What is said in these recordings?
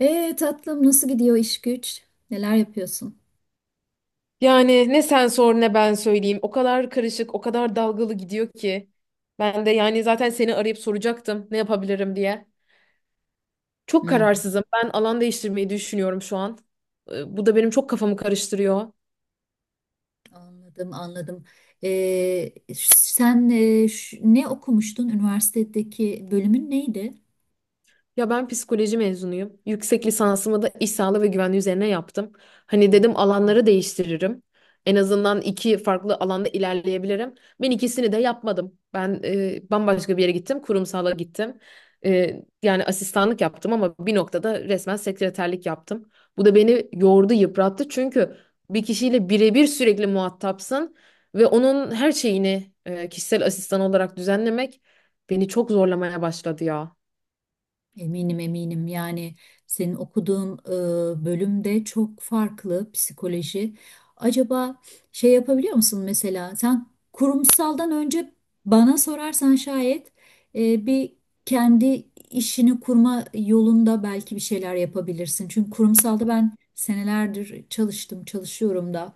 Tatlım, nasıl gidiyor iş güç? Neler yapıyorsun? Yani ne sen sor ne ben söyleyeyim. O kadar karışık, o kadar dalgalı gidiyor ki. Ben de yani zaten seni arayıp soracaktım ne yapabilirim diye. Çok Hmm. kararsızım. Ben alan değiştirmeyi düşünüyorum şu an. Bu da benim çok kafamı karıştırıyor. Anladım, anladım. Sen ne okumuştun? Üniversitedeki bölümün neydi? Ya ben psikoloji mezunuyum. Yüksek lisansımı da iş sağlığı ve güvenliği üzerine yaptım. Hani dedim alanları değiştiririm. En azından iki farklı alanda ilerleyebilirim. Ben ikisini de yapmadım. Ben bambaşka bir yere gittim. Kurumsala gittim. Yani asistanlık yaptım ama bir noktada resmen sekreterlik yaptım. Bu da beni yordu, yıprattı. Çünkü bir kişiyle birebir sürekli muhatapsın ve onun her şeyini kişisel asistan olarak düzenlemek beni çok zorlamaya başladı ya. Eminim, eminim. Yani senin okuduğun bölümde çok farklı psikoloji. Acaba şey yapabiliyor musun, mesela sen kurumsaldan önce, bana sorarsan şayet bir kendi işini kurma yolunda belki bir şeyler yapabilirsin. Çünkü kurumsalda ben senelerdir çalıştım, çalışıyorum da,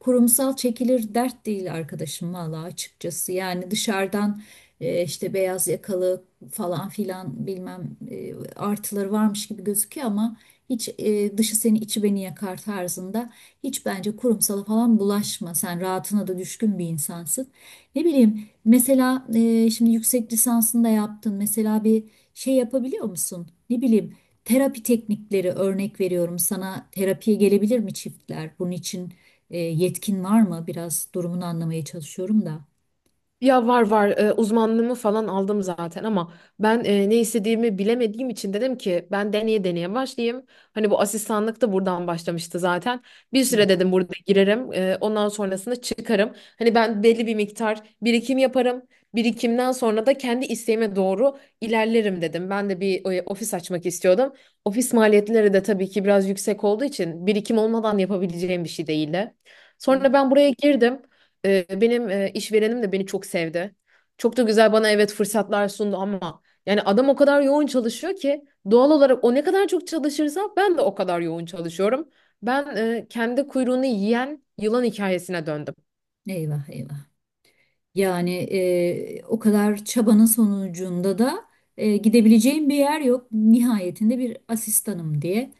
kurumsal çekilir dert değil arkadaşım, valla açıkçası. Yani dışarıdan, işte beyaz yakalı falan filan bilmem, artıları varmış gibi gözüküyor ama hiç. Dışı seni içi beni yakar tarzında. Hiç, bence kurumsala falan bulaşma. Sen rahatına da düşkün bir insansın. Ne bileyim, mesela şimdi yüksek lisansını da yaptın. Mesela bir şey yapabiliyor musun? Ne bileyim, terapi teknikleri, örnek veriyorum sana, terapiye gelebilir mi çiftler? Bunun için yetkin var mı? Biraz durumunu anlamaya çalışıyorum da. Ya var var uzmanlığımı falan aldım zaten ama ben ne istediğimi bilemediğim için dedim ki ben deneye deneye başlayayım. Hani bu asistanlık da buradan başlamıştı zaten. Bir Hı. süre dedim burada girerim ondan sonrasında çıkarım. Hani ben belli bir miktar birikim yaparım. Birikimden sonra da kendi isteğime doğru ilerlerim dedim. Ben de bir ofis açmak istiyordum. Ofis maliyetleri de tabii ki biraz yüksek olduğu için birikim olmadan yapabileceğim bir şey değildi. Sonra ben buraya girdim. Benim işverenim de beni çok sevdi. Çok da güzel bana evet fırsatlar sundu ama yani adam o kadar yoğun çalışıyor ki doğal olarak o ne kadar çok çalışırsa ben de o kadar yoğun çalışıyorum. Ben kendi kuyruğunu yiyen yılan hikayesine döndüm. Eyvah, eyvah. Yani o kadar çabanın sonucunda da gidebileceğim bir yer yok. Nihayetinde bir asistanım diye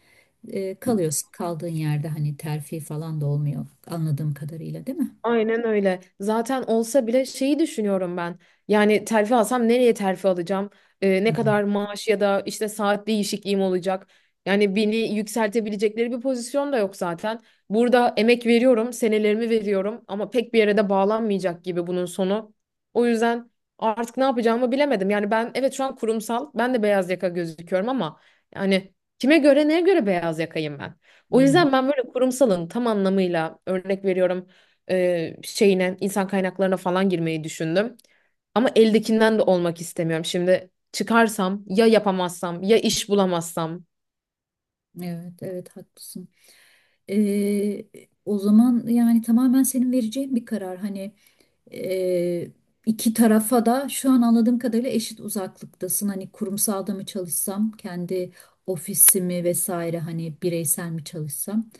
kalıyorsun. Kaldığın yerde hani terfi falan da olmuyor anladığım kadarıyla, değil mi? Aynen öyle. Zaten olsa bile şeyi düşünüyorum ben. Yani terfi alsam nereye terfi alacağım? Hı Ne hı. kadar maaş ya da işte saat değişikliğim olacak? Yani beni yükseltebilecekleri bir pozisyon da yok zaten. Burada emek veriyorum, senelerimi veriyorum ama pek bir yere de bağlanmayacak gibi bunun sonu. O yüzden artık ne yapacağımı bilemedim. Yani ben evet şu an kurumsal, ben de beyaz yaka gözüküyorum ama yani kime göre neye göre beyaz yakayım ben? Hı O hı. yüzden ben böyle kurumsalın tam anlamıyla örnek veriyorum şeyine insan kaynaklarına falan girmeyi düşündüm. Ama eldekinden de olmak istemiyorum. Şimdi çıkarsam ya yapamazsam ya iş bulamazsam. Evet, evet, haklısın. E, o zaman yani tamamen senin vereceğin bir karar. Hani Ee, iki tarafa da şu an anladığım kadarıyla eşit uzaklıktasın. Hani kurumsalda mı çalışsam, kendi ofisimi vesaire, hani bireysel mi çalışsam.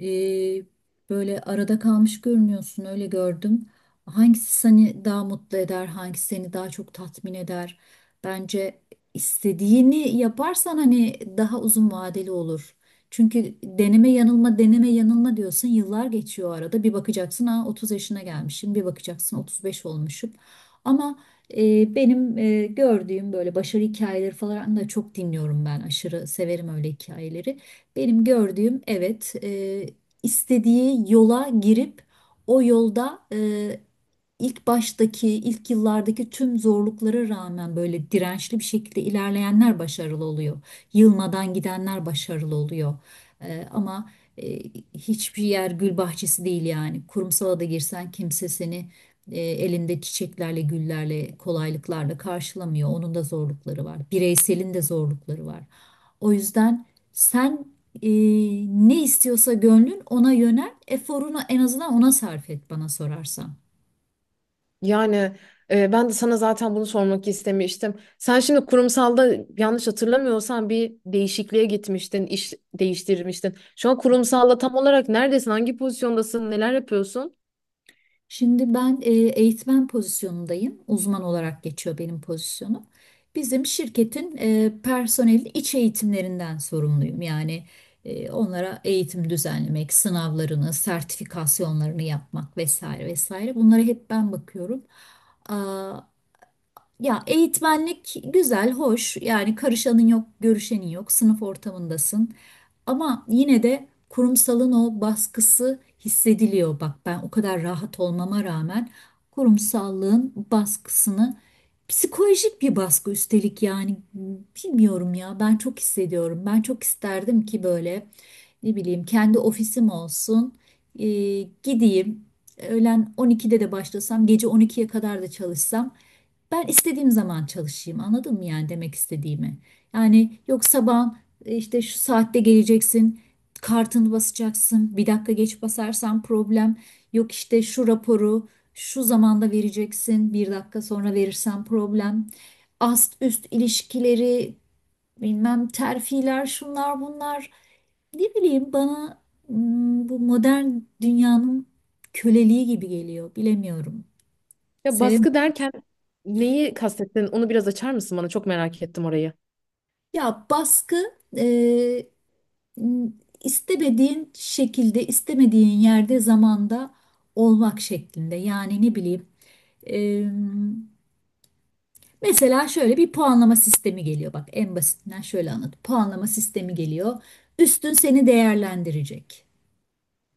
Ee, böyle arada kalmış görünüyorsun, öyle gördüm. Hangisi seni daha mutlu eder, hangisi seni daha çok tatmin eder? Bence istediğini yaparsan hani daha uzun vadeli olur. Çünkü deneme yanılma, deneme yanılma diyorsun, yıllar geçiyor, arada bir bakacaksın ha 30 yaşına gelmişim, bir bakacaksın 35 olmuşum. Ama benim gördüğüm, böyle başarı hikayeleri falan da çok dinliyorum, ben aşırı severim öyle hikayeleri. Benim gördüğüm, evet, istediği yola girip o yolda, ilk baştaki, ilk yıllardaki tüm zorluklara rağmen, böyle dirençli bir şekilde ilerleyenler başarılı oluyor. Yılmadan gidenler başarılı oluyor. Ama e, hiçbir yer gül bahçesi değil yani. Kurumsala da girsen kimse seni elinde çiçeklerle, güllerle, kolaylıklarla karşılamıyor. Onun da zorlukları var. Bireyselin de zorlukları var. O yüzden sen, e, ne istiyorsa gönlün ona yönel, eforunu en azından ona sarf et bana sorarsan. Yani ben de sana zaten bunu sormak istemiştim. Sen şimdi kurumsalda yanlış hatırlamıyorsam bir değişikliğe gitmiştin, iş değiştirmiştin. Şu an kurumsalda tam olarak neredesin, hangi pozisyondasın, neler yapıyorsun? Şimdi ben eğitmen pozisyonundayım. Uzman olarak geçiyor benim pozisyonum. Bizim şirketin personelin iç eğitimlerinden sorumluyum. Yani onlara eğitim düzenlemek, sınavlarını, sertifikasyonlarını yapmak vesaire vesaire. Bunlara hep ben bakıyorum. Aa, ya eğitmenlik güzel, hoş. Yani karışanın yok, görüşenin yok, sınıf ortamındasın. Ama yine de kurumsalın o baskısı hissediliyor. Bak, ben o kadar rahat olmama rağmen kurumsallığın baskısını, psikolojik bir baskı üstelik yani, bilmiyorum ya, ben çok hissediyorum. Ben çok isterdim ki böyle, ne bileyim, kendi ofisim olsun. Ee, gideyim, öğlen 12'de de başlasam, gece 12'ye kadar da çalışsam, ben istediğim zaman çalışayım. Anladın mı yani demek istediğimi? Yani yok, sabah e, İşte şu saatte geleceksin, kartını basacaksın, bir dakika geç basarsan problem, yok işte şu raporu şu zamanda vereceksin, bir dakika sonra verirsen problem, ast üst ilişkileri, bilmem terfiler, şunlar bunlar. Ne bileyim, bana bu modern dünyanın köleliği gibi geliyor, bilemiyorum. Ya Sevim. baskı derken neyi kastettin? Onu biraz açar mısın bana? Çok merak ettim orayı. Ya baskı, e, istemediğin şekilde, istemediğin yerde, zamanda olmak şeklinde. Yani ne bileyim. e, Mesela şöyle bir puanlama sistemi geliyor. Bak, en basitinden şöyle anlat. Puanlama sistemi geliyor. Üstün seni değerlendirecek.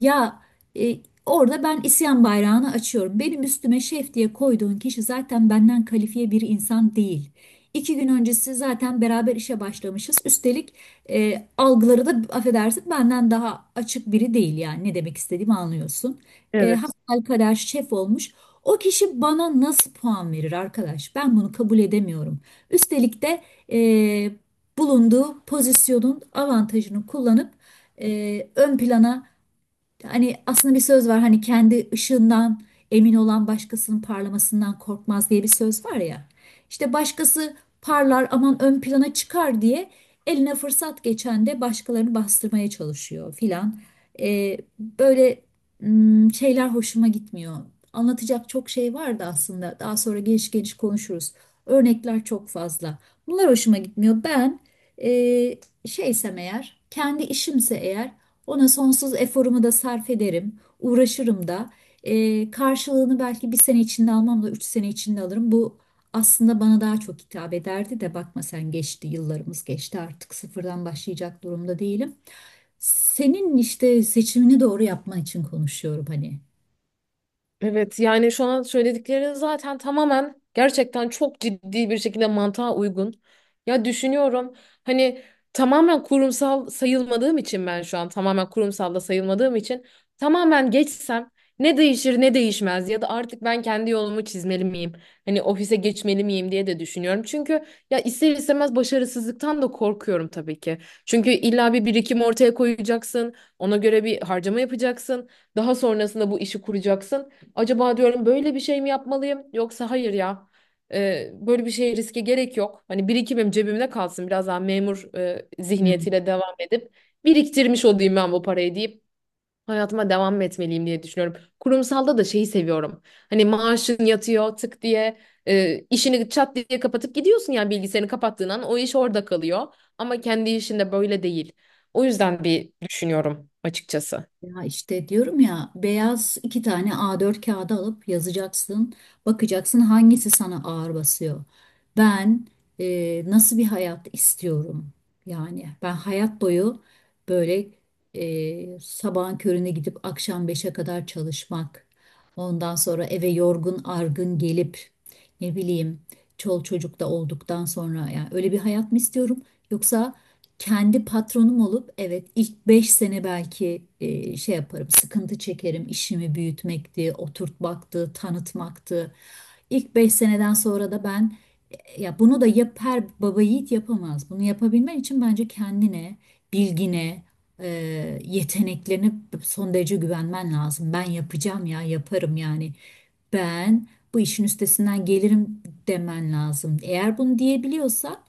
Ya, e, orada ben isyan bayrağını açıyorum. Benim üstüme şef diye koyduğun kişi zaten benden kalifiye bir insan değil. İki gün öncesi zaten beraber işe başlamışız. Üstelik algıları da, affedersin, benden daha açık biri değil, yani ne demek istediğimi anlıyorsun. E, Evet. hasbelkader şef olmuş. O kişi bana nasıl puan verir arkadaş? Ben bunu kabul edemiyorum. Üstelik de e, bulunduğu pozisyonun avantajını kullanıp ön plana. Hani aslında bir söz var, hani kendi ışığından emin olan başkasının parlamasından korkmaz diye bir söz var ya. İşte başkası parlar, aman ön plana çıkar diye eline fırsat geçen de başkalarını bastırmaya çalışıyor filan. Böyle şeyler hoşuma gitmiyor. Anlatacak çok şey vardı aslında. Daha sonra geniş geniş konuşuruz. Örnekler çok fazla. Bunlar hoşuma gitmiyor. Ben e, şeysem eğer, kendi işimse eğer, ona sonsuz eforumu da sarf ederim, uğraşırım da. Karşılığını belki bir sene içinde almam da üç sene içinde alırım. Bu aslında bana daha çok hitap ederdi de, bakma sen, geçti, yıllarımız geçti, artık sıfırdan başlayacak durumda değilim. Senin işte seçimini doğru yapman için konuşuyorum hani. Evet yani şu an söyledikleri zaten tamamen gerçekten çok ciddi bir şekilde mantığa uygun. Ya düşünüyorum hani tamamen kurumsal sayılmadığım için ben şu an tamamen kurumsal da sayılmadığım için tamamen geçsem ne değişir ne değişmez ya da artık ben kendi yolumu çizmeli miyim? Hani ofise geçmeli miyim diye de düşünüyorum. Çünkü ya ister istemez başarısızlıktan da korkuyorum tabii ki. Çünkü illa bir birikim ortaya koyacaksın, ona göre bir harcama yapacaksın, daha sonrasında bu işi kuracaksın. Acaba diyorum böyle bir şey mi yapmalıyım yoksa hayır ya böyle bir şey riske gerek yok. Hani birikimim cebimde kalsın biraz daha memur zihniyetiyle devam edip biriktirmiş olayım ben bu parayı deyip hayatıma devam mı etmeliyim diye düşünüyorum. Kurumsalda da şeyi seviyorum. Hani maaşın yatıyor tık diye işini çat diye kapatıp gidiyorsun yani bilgisayarını kapattığın an o iş orada kalıyor. Ama kendi işinde böyle değil. O yüzden bir düşünüyorum açıkçası. Ya işte diyorum ya, beyaz iki tane A4 kağıdı alıp yazacaksın. Bakacaksın hangisi sana ağır basıyor. Ben nasıl bir hayat istiyorum? Yani ben hayat boyu böyle, sabahın körüne gidip akşam beşe kadar çalışmak. Ondan sonra eve yorgun argın gelip, ne bileyim, çol çocuk da olduktan sonra, yani öyle bir hayat mı istiyorum? Yoksa kendi patronum olup, evet ilk 5 sene belki şey yaparım, sıkıntı çekerim, işimi büyütmekti, oturtmaktı, tanıtmaktı. İlk 5 seneden sonra da ben, ya bunu da yap, her baba yiğit yapamaz. Bunu yapabilmen için bence kendine, bilgine, e, yeteneklerine son derece güvenmen lazım. Ben yapacağım ya, yaparım yani. Ben bu işin üstesinden gelirim demen lazım. Eğer bunu diyebiliyorsan,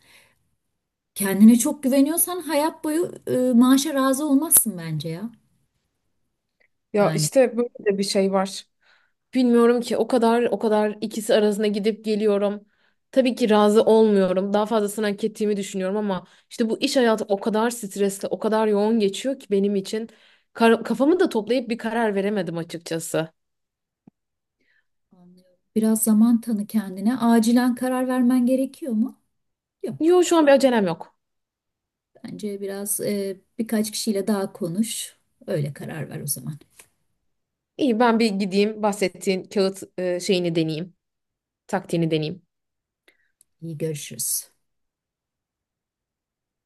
kendine çok güveniyorsan, hayat boyu maaşa razı olmazsın bence ya. Ya Yani. işte böyle de bir şey var. Bilmiyorum ki o kadar ikisi arasında gidip geliyorum. Tabii ki razı olmuyorum. Daha fazlasını hak ettiğimi düşünüyorum ama işte bu iş hayatı o kadar stresli, o kadar yoğun geçiyor ki benim için. Kafamı da toplayıp bir karar veremedim açıkçası. Anlıyorum. Biraz zaman tanı kendine. Acilen karar vermen gerekiyor mu? Yok. Yo şu an bir acelem yok. Bence biraz, birkaç kişiyle daha konuş. Öyle karar ver o zaman. İyi ben bir gideyim bahsettiğin kağıt şeyini deneyeyim, taktiğini deneyeyim. İyi görüşürüz.